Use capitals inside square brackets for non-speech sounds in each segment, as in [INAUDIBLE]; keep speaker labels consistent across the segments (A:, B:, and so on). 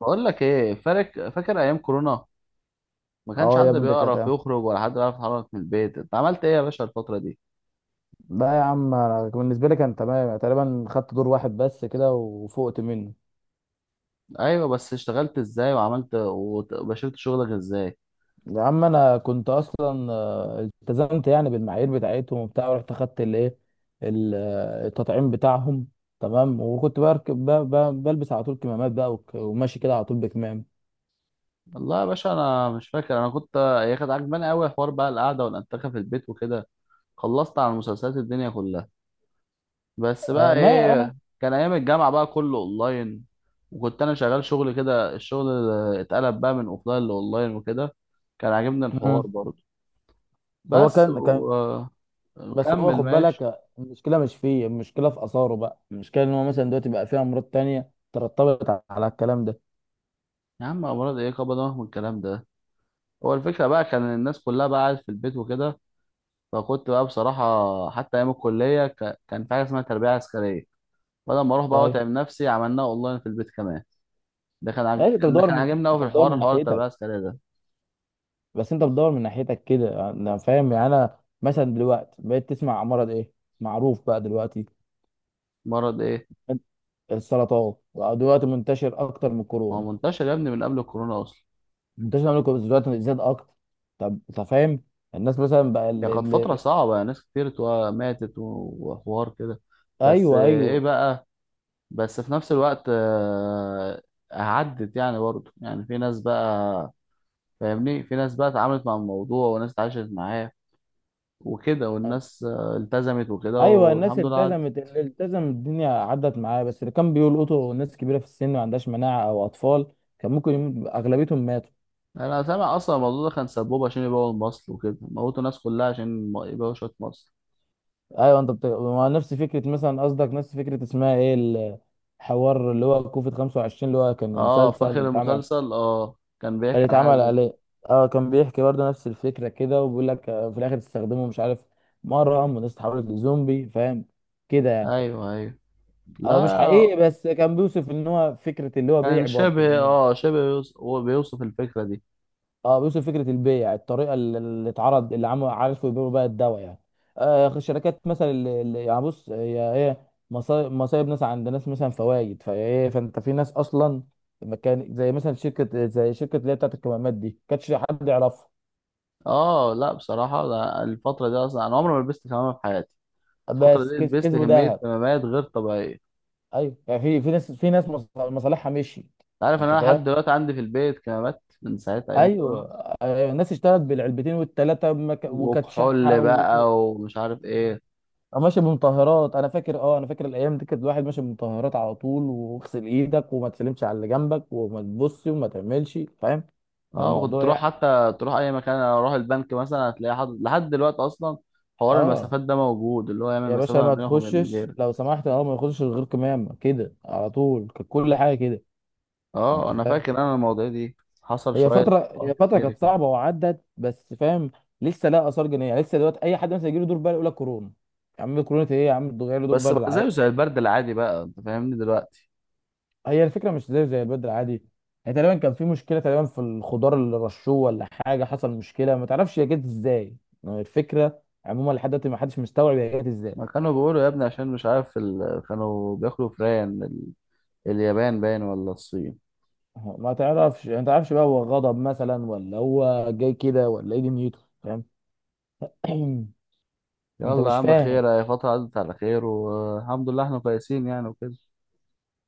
A: بقول لك ايه؟ فاكر ايام كورونا؟ ما كانش
B: اه
A: حد
B: يا ابني ده كانت
A: بيعرف يخرج ولا حد بيعرف يتحرك من البيت. انت عملت ايه يا باشا الفتره دي؟
B: لا يا عم، انا بالنسبه لي كان تمام يعني، تقريبا خدت دور واحد بس كده وفوقت منه.
A: ايوه، بس اشتغلت ازاي وعملت وبشرت شغلك ازاي؟
B: يا عم انا كنت اصلا التزمت يعني بالمعايير بتاعتهم وبتاع، ورحت اخدت الايه التطعيم بتاعهم. تمام، وكنت بركب بلبس على طول كمامات بقى، وماشي كده على طول بكمام.
A: والله يا باشا انا مش فاكر. انا كنت هي كانت عجباني قوي حوار بقى القعده والانتخاب في البيت وكده. خلصت على مسلسلات الدنيا كلها. بس بقى
B: آه، ما
A: ايه، كان ايام الجامعه بقى كله اونلاين. وكنت انا شغال شغل كده، الشغل اتقلب بقى من اوفلاين لاونلاين وكده. كان عاجبني الحوار
B: مم.
A: برضه.
B: هو
A: بس
B: كان كان بس هو
A: وكمل
B: خد بالك،
A: ماشي.
B: المشكله مش فيه، في اثاره بقى، المشكله ان هو مثلا دلوقتي بقى فيه امراض تانية ترتبط على الكلام
A: يا عم امراض ايه، كبر دماغك من الكلام ده. هو الفكره بقى كان الناس كلها بقى قاعد في البيت وكده. فكنت بقى بصراحه حتى ايام الكليه كان في حاجه اسمها تربيه عسكريه. بدل ما اروح بقى
B: ده.
A: واتعب نفسي، عملناها اونلاين في البيت كمان. ده كان
B: ماشي انت
A: اللي
B: بتدور
A: كان
B: من
A: عاجبني قوي
B: انت
A: في
B: بتدور
A: الحوار،
B: من
A: حوار التربيه
B: ناحيتك
A: العسكريه ده.
B: بس انت بتدور من ناحيتك كده، انا فاهم. يعني انا مثلا دلوقتي بقيت تسمع مرض ايه معروف بقى دلوقتي؟
A: مرض ايه؟
B: السرطان بقى دلوقتي منتشر اكتر من
A: هو
B: الكورونا.
A: منتشر يا ابني من قبل الكورونا اصلا.
B: منتشر من الكورونا، دلوقتي زاد اكتر. طب انت فاهم؟ الناس مثلا بقى
A: هي كانت فتره صعبه، ناس كتير ماتت و- وحوار كده. بس
B: ايوه،
A: ايه
B: ايوه،
A: بقى؟ بس في نفس الوقت، عدت يعني برضه، يعني في ناس بقى فاهمني، في ناس بقى اتعاملت مع الموضوع وناس اتعاشت معاه وكده، والناس التزمت وكده،
B: ايوه. الناس
A: والحمد لله عدت.
B: التزمت، اللي التزم الدنيا عدت معاه، بس اللي كان بيلقطوا ناس كبيره في السن ما عندهاش مناعه او اطفال. كان ممكن اغلبيتهم ماتوا.
A: انا سامع اصلا الموضوع ده كان سبوبة عشان يبيعوا المصل وكده، موتوا الناس كلها عشان يبيعوا شوية مصل.
B: ايوه. انت بت... ما نفس فكره، مثلا قصدك نفس فكره اسمها ايه؟ الحوار اللي هو كوفيد 25، اللي هو كان
A: اه،
B: مسلسل اللي
A: فاكر
B: اتعمل،
A: المسلسل، اه، كان
B: اللي
A: بيحكي عن حاجة
B: اتعمل
A: زي كده.
B: عليه. اه كان بيحكي برضه نفس الفكره كده، وبيقول لك في الاخر تستخدمه مش عارف مره، والناس اتحولت لزومبي، فاهم كده يعني.
A: ايوه، ايوه،
B: هو مش
A: لا،
B: حقيقي، بس كان بيوصف ان هو فكره اللي هو
A: كان
B: بيع، برضه
A: شبه،
B: ان هو،
A: هو بيوصف الفكرة دي.
B: اه بيوصل فكره البيع، الطريقه اللي اتعرض، اللي عملوا عرفوا يبيعوا بيها الدواء يعني. آه الشركات مثلا اللي يعني بص، هي ايه؟ مصايب ناس عند ناس، مثلا فوايد، فايه، فانت في ناس اصلا مكان زي مثلا شركه اللي هي بتاعت الكمامات دي، كانش حد يعرفها.
A: اه، لا، بصراحة لا، الفترة دي اصلا انا عمري ما لبست كمامة في حياتي. الفترة دي
B: بس
A: لبست
B: كسبوا
A: كمية
B: ذهب.
A: كمامات غير طبيعية، انت
B: ايوه، يعني في ناس، في ناس مصالحها مشيت.
A: عارف ان
B: انت
A: انا
B: فاهم؟
A: لحد دلوقتي عندي في البيت كمامات من ساعة ايام الكورونا.
B: ايوه. الناس اشتغلت بالعلبتين والثلاثه، وكانت
A: وكحول
B: شحه.
A: بقى ومش عارف ايه.
B: أو ماشي بمطهرات. انا فاكر الايام دي كانت الواحد ماشي بمطهرات على طول، واغسل ايدك وما تسلمش على اللي جنبك، وما تبصش وما تعملش، فاهم؟ كان
A: اه، وكنت
B: الموضوع يعني،
A: تروح اي مكان. اروح البنك مثلا هتلاقي حد لحد دلوقتي اصلا. حوار
B: اه
A: المسافات ده موجود، اللي هو يعمل
B: يا باشا،
A: مسافة
B: ما
A: ما بينك وبين
B: تخشش
A: غيرك.
B: لو سمحت، اه ما يخشش غير كمام كده على طول، كانت كل حاجه كده.
A: اه
B: انت
A: انا
B: فاهم؟
A: فاكر، انا المواضيع دي حصل
B: هي
A: شوية
B: فتره
A: حوارات
B: هي فتره
A: كتير
B: كانت
A: كده.
B: صعبه وعدت، بس فاهم، لسه لها اثار جانبيه. يعني لسه دلوقتي اي حد مثلا يجي له دور برد يقول لك كورونا. يا عم كورونا ايه يا عم؟ ده جاي له دور
A: بس
B: برد.
A: بقى زيه زي البرد العادي بقى، انت فاهمني دلوقتي.
B: هي الفكره مش زي البدر عادي. يعني تقريبا كان في مشكله، تقريبا في الخضار اللي رشوه ولا حاجه، حصل مشكله ما تعرفش هي جت ازاي. يعني الفكره عموما لحد دلوقتي ما حدش مستوعب هي جت ازاي.
A: ما كانوا بيقولوا يا ابني عشان مش عارف كانوا بياكلوا فران اليابان باين ولا الصين.
B: ما تعرفش، يعني ما تعرفش بقى، هو غضب مثلا، ولا هو جاي كده، ولا ايه دنيته، فاهم؟ [CLEARS THROAT] انت
A: يلا يا
B: مش
A: عم
B: فاهم.
A: خير، هي فترة عدت على خير، والحمد لله احنا كويسين يعني وكده.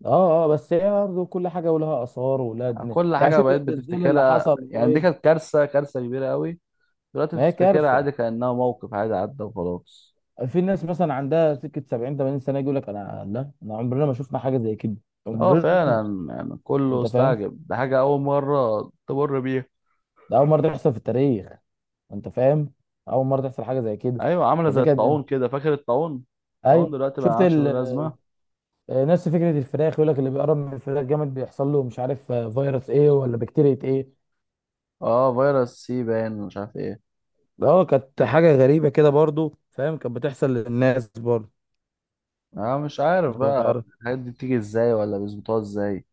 B: اه، بس هي برضه كل حاجه ولها اثار ولها دنيا.
A: كل
B: يعني
A: حاجة
B: شوف
A: بقيت
B: الزلزال اللي
A: بتفتكرها،
B: حصل
A: يعني دي
B: قريب.
A: كانت كارثة، كارثة كبيرة قوي. دلوقتي
B: ما هي
A: بتفتكرها
B: كارثه.
A: عادي كأنها موقف عادي عدى وخلاص.
B: في ناس مثلا عندها سكه 70 80 سنه يقول لك: انا لا، انا عمرنا ما شفنا حاجه زي كده.
A: اه
B: عمرنا.
A: فعلا، يعني كله
B: انت فاهم؟
A: استعجب، ده حاجة أول مرة تمر بيها.
B: ده اول مره تحصل في التاريخ. انت فاهم؟ اول مره تحصل حاجه زي كده.
A: أيوة، عاملة
B: فده
A: زي الطاعون
B: كانت
A: كده، فاكر الطاعون؟ الطاعون
B: ايوه.
A: دلوقتي ما
B: شفت
A: عادش
B: ال...
A: له لازمة.
B: نفس فكره الفراخ، يقول لك اللي بيقرب من الفراخ جامد بيحصل له مش عارف، فيروس ايه ولا بكتيريا ايه.
A: اه، فيروس سي باين، مش عارف ايه.
B: اه كانت حاجه غريبه كده برضو، فاهم، كانت بتحصل للناس برضو.
A: اه مش عارف
B: انت ما
A: بقى
B: تعرف.
A: الحاجات دي بتيجي ازاي، ولا بيظبطوها ازاي.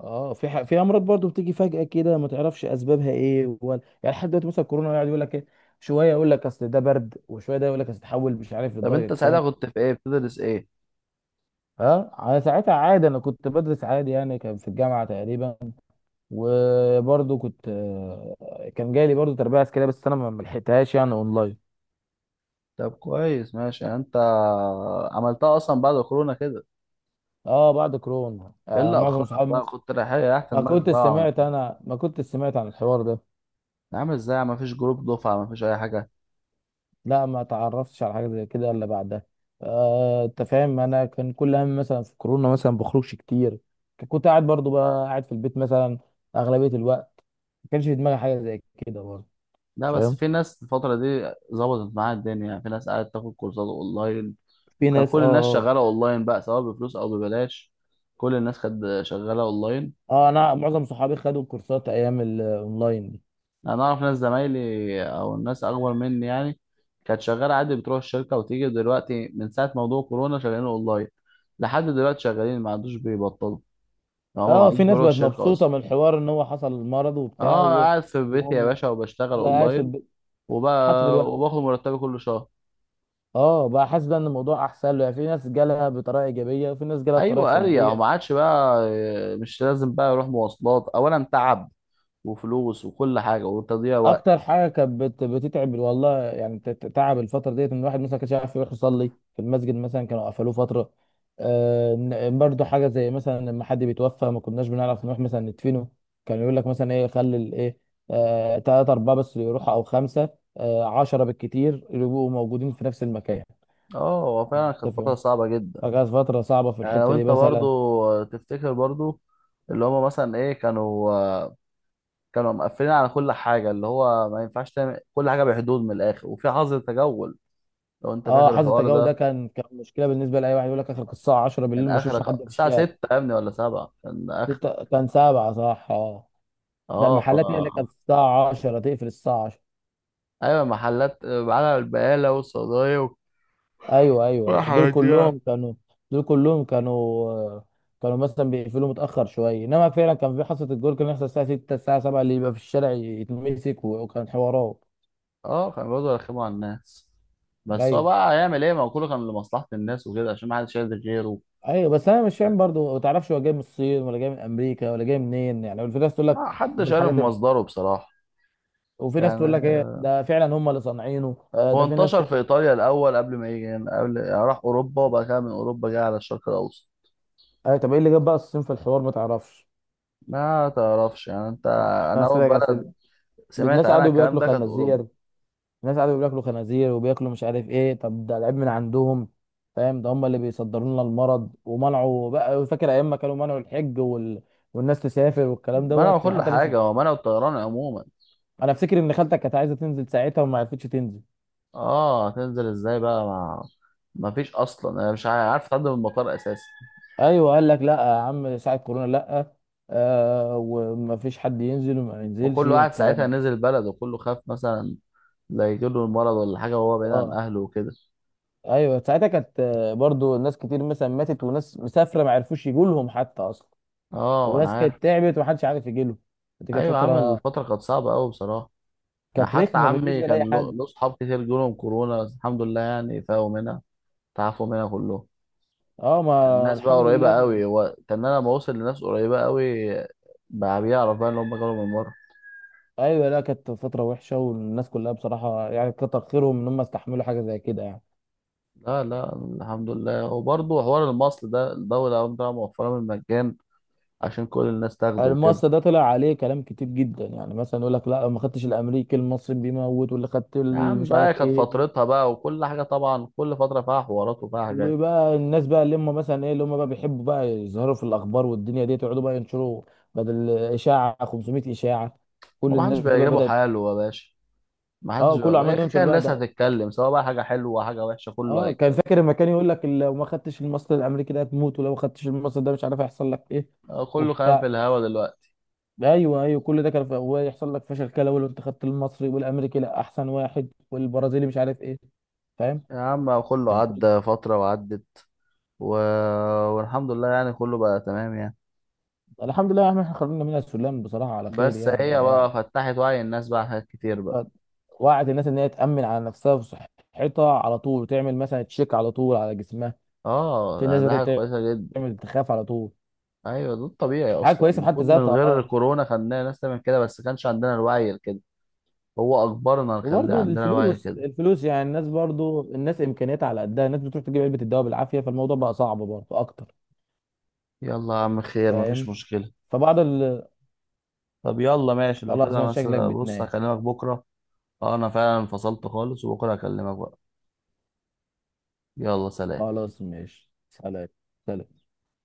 B: اه في امراض برضو بتيجي فجاه كده ما تعرفش اسبابها ايه ولا. يعني لحد دلوقتي مثلا كورونا يقعد يقول لك ايه. شويه يقول لك اصل ده برد، وشويه ده يقول لك اصل تحول مش عارف
A: طب
B: للدرجه
A: انت
B: كام.
A: ساعتها كنت في ايه، بتدرس ايه؟
B: اه على ساعتها عادي، انا كنت بدرس عادي يعني، كان في الجامعه تقريبا. وبرضه كنت كان جاي لي برضه تربيه عسكريه، بس انا ما لحقتهاش يعني اونلاين.
A: طب كويس، ماشي، يعني انت عملتها اصلا بعد كورونا كده.
B: اه بعد كورونا.
A: ايه
B: آه
A: اللي
B: معظم
A: اخرك
B: صحابي
A: بقى،
B: مثلا.
A: كنت رايح تحت
B: ما
A: دماغك
B: كنت
A: بقى
B: سمعت
A: وعملتها؟
B: انا ما كنت سمعت عن الحوار ده.
A: عامل ازاي ما فيش جروب دفعه، ما فيش اي حاجه؟
B: لا، ما تعرفتش على حاجه زي كده الا بعدها. آه انت فاهم، انا كان كل هم مثلا في كورونا مثلا بخرجش كتير. كنت قاعد برضه، بقى قاعد في البيت مثلا اغلبيه الوقت. ما كانش في دماغي حاجه زي كده برضه.
A: لا، بس
B: فاهم.
A: في ناس الفتره دي ظبطت معاها الدنيا، يعني في ناس قاعده تاخد كورسات اونلاين.
B: في
A: كان
B: ناس
A: كل الناس شغاله اونلاين بقى، سواء بفلوس او ببلاش. كل الناس كانت شغاله اونلاين.
B: اه انا معظم صحابي خدوا الكورسات ايام الاونلاين دي.
A: انا اعرف ناس زمايلي او الناس اكبر مني يعني، كانت شغاله عادي بتروح الشركه وتيجي، دلوقتي من ساعه موضوع كورونا شغالين اونلاين. لحد دلوقتي شغالين، ما عندوش بيبطلوا. هو ما
B: اه
A: بعدوش
B: في ناس
A: بروح
B: بقت
A: الشركة
B: مبسوطه
A: أصلا.
B: من الحوار، ان هو حصل مرض وبتاع
A: أه، أنا قاعد في بيتي يا
B: وهم
A: باشا وبشتغل
B: بقى قاعد في
A: أونلاين،
B: البيت
A: وب...
B: حتى دلوقتي.
A: وباخد مرتبي كل شهر.
B: اه بقى حاسس بقى ان الموضوع احسن له. يعني في ناس جالها بطريقه ايجابيه، وفي ناس جالها بطريقه
A: أيوة أريح،
B: سلبيه.
A: وما عادش بقى مش لازم بقى أروح مواصلات، أولا تعب وفلوس وكل حاجة وتضييع وقت.
B: اكتر حاجه كانت بتتعب والله يعني، تعب الفتره ديت ان الواحد مثلا كانش عارف يروح يصلي في المسجد، مثلا كانوا قفلوه فتره. برضو حاجه زي مثلا لما حد بيتوفى ما كناش بنعرف نروح مثلا ندفنه. كان يقول لك مثلا ايه، خلي الايه، تلاتة أربعة بس اللي يروحوا، أو خمسة، عشرة بالكتير اللي يبقوا موجودين في نفس المكان.
A: أه، هو فعلا كانت فترة
B: متفق.
A: صعبة جدا.
B: فكانت فترة صعبة في
A: يعني
B: الحتة
A: لو
B: دي
A: أنت برضو
B: مثلا.
A: تفتكر برضو، اللي هما مثلا إيه، كانوا مقفلين على كل حاجة، اللي هو ما ينفعش تعمل كل حاجة، بحدود، من الآخر وفي حظر تجول. لو أنت
B: اه،
A: فاكر
B: حظر
A: الحوار
B: التجاوز ده
A: ده؟
B: كان مشكلة بالنستة لأي واحد. يقول لك آخر الساعة 10
A: كان
B: بالليل ما أشوفش
A: اخرك
B: حد في
A: الساعه 6
B: الشارع.
A: يا ابني ولا 7، كان اخر
B: ستة كان سبعة، صح اه. ده
A: اه ف
B: المحلات هي اللي كانت الساعة 10 تقفل، الساعة 10.
A: ايوه، محلات، على البقاله والصيدليه
B: ايوه، ايوه، ايوه، دول
A: والحاجات دي يعني.
B: كلهم كانوا، دول كلهم كانوا، كانوا مثلا بيقفلوا متأخر شوية. انما فعلا كان في حصة الجول كان يحصل الساعة 6 الساعة 7، اللي يبقى في الشارع يتمسك، وكان حوارات.
A: اه، كانوا بيقعدوا يرخموا على الناس. بس هو
B: ايوه،
A: بقى هيعمل ايه، ما هو كله كان لمصلحه الناس وكده عشان ما حدش شايل غيره.
B: ايوه. بس انا مش فاهم برضو، ما تعرفش هو جاي من الصين ولا جاي من امريكا ولا جاي منين. يعني في ناس تقول لك
A: ما
B: من
A: حدش عارف
B: الحاجات ال-
A: مصدره بصراحه
B: وفي ناس تقول
A: يعني.
B: لك ايه ده، فعلا هم اللي صانعينه،
A: هو
B: ده في ناس
A: انتشر
B: تقول
A: في
B: لك،
A: ايطاليا الاول قبل ما يجي هنا، قبل يعني راح اوروبا، وبعد كده من اوروبا جه على الشرق الاوسط.
B: طب ايه اللي جاب بقى الصين في الحوار، ما تعرفش.
A: ما تعرفش يعني انت. انا
B: ناس.
A: اول بلد سمعت
B: الناس
A: عنها
B: قعدوا
A: الكلام
B: بياكلوا
A: ده كانت اوروبا.
B: خنازير. الناس قعدوا بياكلوا خنازير وبياكلوا مش عارف ايه، طب ده العيب من عندهم، فاهم؟ ده هم اللي بيصدروا لنا المرض. ومنعوا بقى، فاكر ايام ما كانوا منعوا الحج والناس تسافر والكلام
A: منعوا
B: دوت يعني،
A: كل
B: حتى ناس.
A: حاجه، هو منعوا الطيران عموما.
B: انا افتكر ان خالتك كانت عايزه تنزل ساعتها وما عرفتش تنزل.
A: اه هتنزل ازاي بقى، ما فيش اصلا، انا مش عارف تعدي من المطار اساسا.
B: ايوه، قال لك لا يا عم، ساعه كورونا لا. آه وما فيش حد ينزل وما ينزلش
A: وكل واحد
B: والكلام
A: ساعتها
B: ده.
A: نزل بلد وكله خاف مثلا لا يجيله المرض ولا حاجه وهو بعيد عن
B: اه.
A: اهله وكده.
B: ايوه ساعتها كانت، برضو ناس كتير مثلا ماتت، وناس مسافره ما عرفوش يجوا لهم حتى اصلا.
A: اه انا
B: وناس
A: عارف.
B: كانت تعبت ومحدش عارف يجي له. دي كانت
A: ايوه، عامل
B: فتره،
A: الفتره كانت صعبه قوي بصراحه. أنا
B: كانت
A: حتى
B: رخمه
A: عمي
B: بالنسبه
A: كان
B: لاي
A: له
B: حد.
A: له صحاب كتير جالهم كورونا، بس الحمد لله يعني فاقوا منها، تعافوا منها كلهم.
B: اه ما
A: الناس بقى
B: الحمد
A: قريبه
B: لله.
A: قوي، هو كان انا لما وصل لناس قريبه قوي، بقى بيعرف بقى ان هم جالهم المرض.
B: ايوه لا كانت فتره وحشه، والناس كلها بصراحه يعني كتر خيرهم ان هم استحملوا حاجه زي كده يعني.
A: لا، لا، الحمد لله. وبرضه حوار المصل ده، الدولة قامت طالعة موفرة من المجان عشان كل الناس تاخده وكده.
B: المؤسسه ده طلع عليه كلام كتير جدا. يعني مثلا يقول لك لا ما خدتش الامريكي، المصري بيموت، واللي خدت
A: يا عم
B: مش
A: بقى
B: عارف
A: كانت
B: ايه.
A: فترتها بقى، وكل حاجة طبعا كل فترة فيها حوارات وفيها حاجات.
B: وبقى الناس بقى اللي هم مثلا ايه، اللي هم بقى بيحبوا بقى يظهروا في الاخبار والدنيا دي، يقعدوا بقى ينشروا بدل اشاعه 500 اشاعه. كل
A: ومحدش
B: الناس دي بقى
A: بيعجبه
B: بدات.
A: حاله يا باشا. محدش
B: اه كله
A: بيعجبه إيه،
B: عمال ينشر
A: كان
B: بقى
A: الناس
B: ده.
A: هتتكلم سواء بقى حاجة حلوة حاجة وحشة، كله
B: اه كان
A: هيتكلم.
B: فاكر لما كان يقول لك لو ما خدتش الماستر الامريكي ده هتموت، ولو ما خدتش الماستر ده مش عارف هيحصل لك ايه
A: كله كلام
B: وبتاع.
A: في الهوا دلوقتي.
B: ايوه، ايوه، كل ده كان ويحصل لك فشل كلوي لو انت خدت المصري، والامريكي لا احسن واحد، والبرازيلي مش عارف ايه، فاهم؟
A: يا عم كله
B: كان كل
A: عدى فترة وعدت و... والحمد لله يعني كله بقى تمام يعني.
B: الحمد لله يا عم، احنا خرجنا منها السلم بصراحه على خير
A: بس
B: يعني،
A: هي بقى فتحت وعي الناس بقى على حاجات كتير بقى.
B: قد- وعد الناس ان هي تامن على نفسها وصحتها على طول، وتعمل مثلا تشيك على طول على جسمها. في
A: اه
B: ناس
A: يعني ده حاجة
B: بدات
A: كويسة جدا.
B: تعمل تخاف على طول.
A: ايوه، ده الطبيعي
B: حاجه
A: اصلا،
B: كويسه في حد
A: المفروض من
B: ذاتها،
A: غير
B: اه.
A: كورونا خلينا ناس تعمل كده، بس كانش عندنا الوعي كده. هو اجبرنا نخلي
B: وبرضه
A: عندنا الوعي
B: الفلوس،
A: كده.
B: الناس امكانياتها على قدها، الناس بتروح تجيب علبه الدواء بالعافيه، فالموضوع بقى صعب برضه اكتر.
A: يلا يا عم خير، مفيش
B: فاهم.
A: مشكله.
B: فبعض ال...
A: طب يلا ماشي لو
B: خلاص، ما
A: كده،
B: شكلك
A: مثلا بص
B: بتنام.
A: هكلمك بكره. اه انا فعلا انفصلت خالص، وبكره هكلمك بقى. يلا، سلام.
B: خلاص ماشي، سلام. سلام.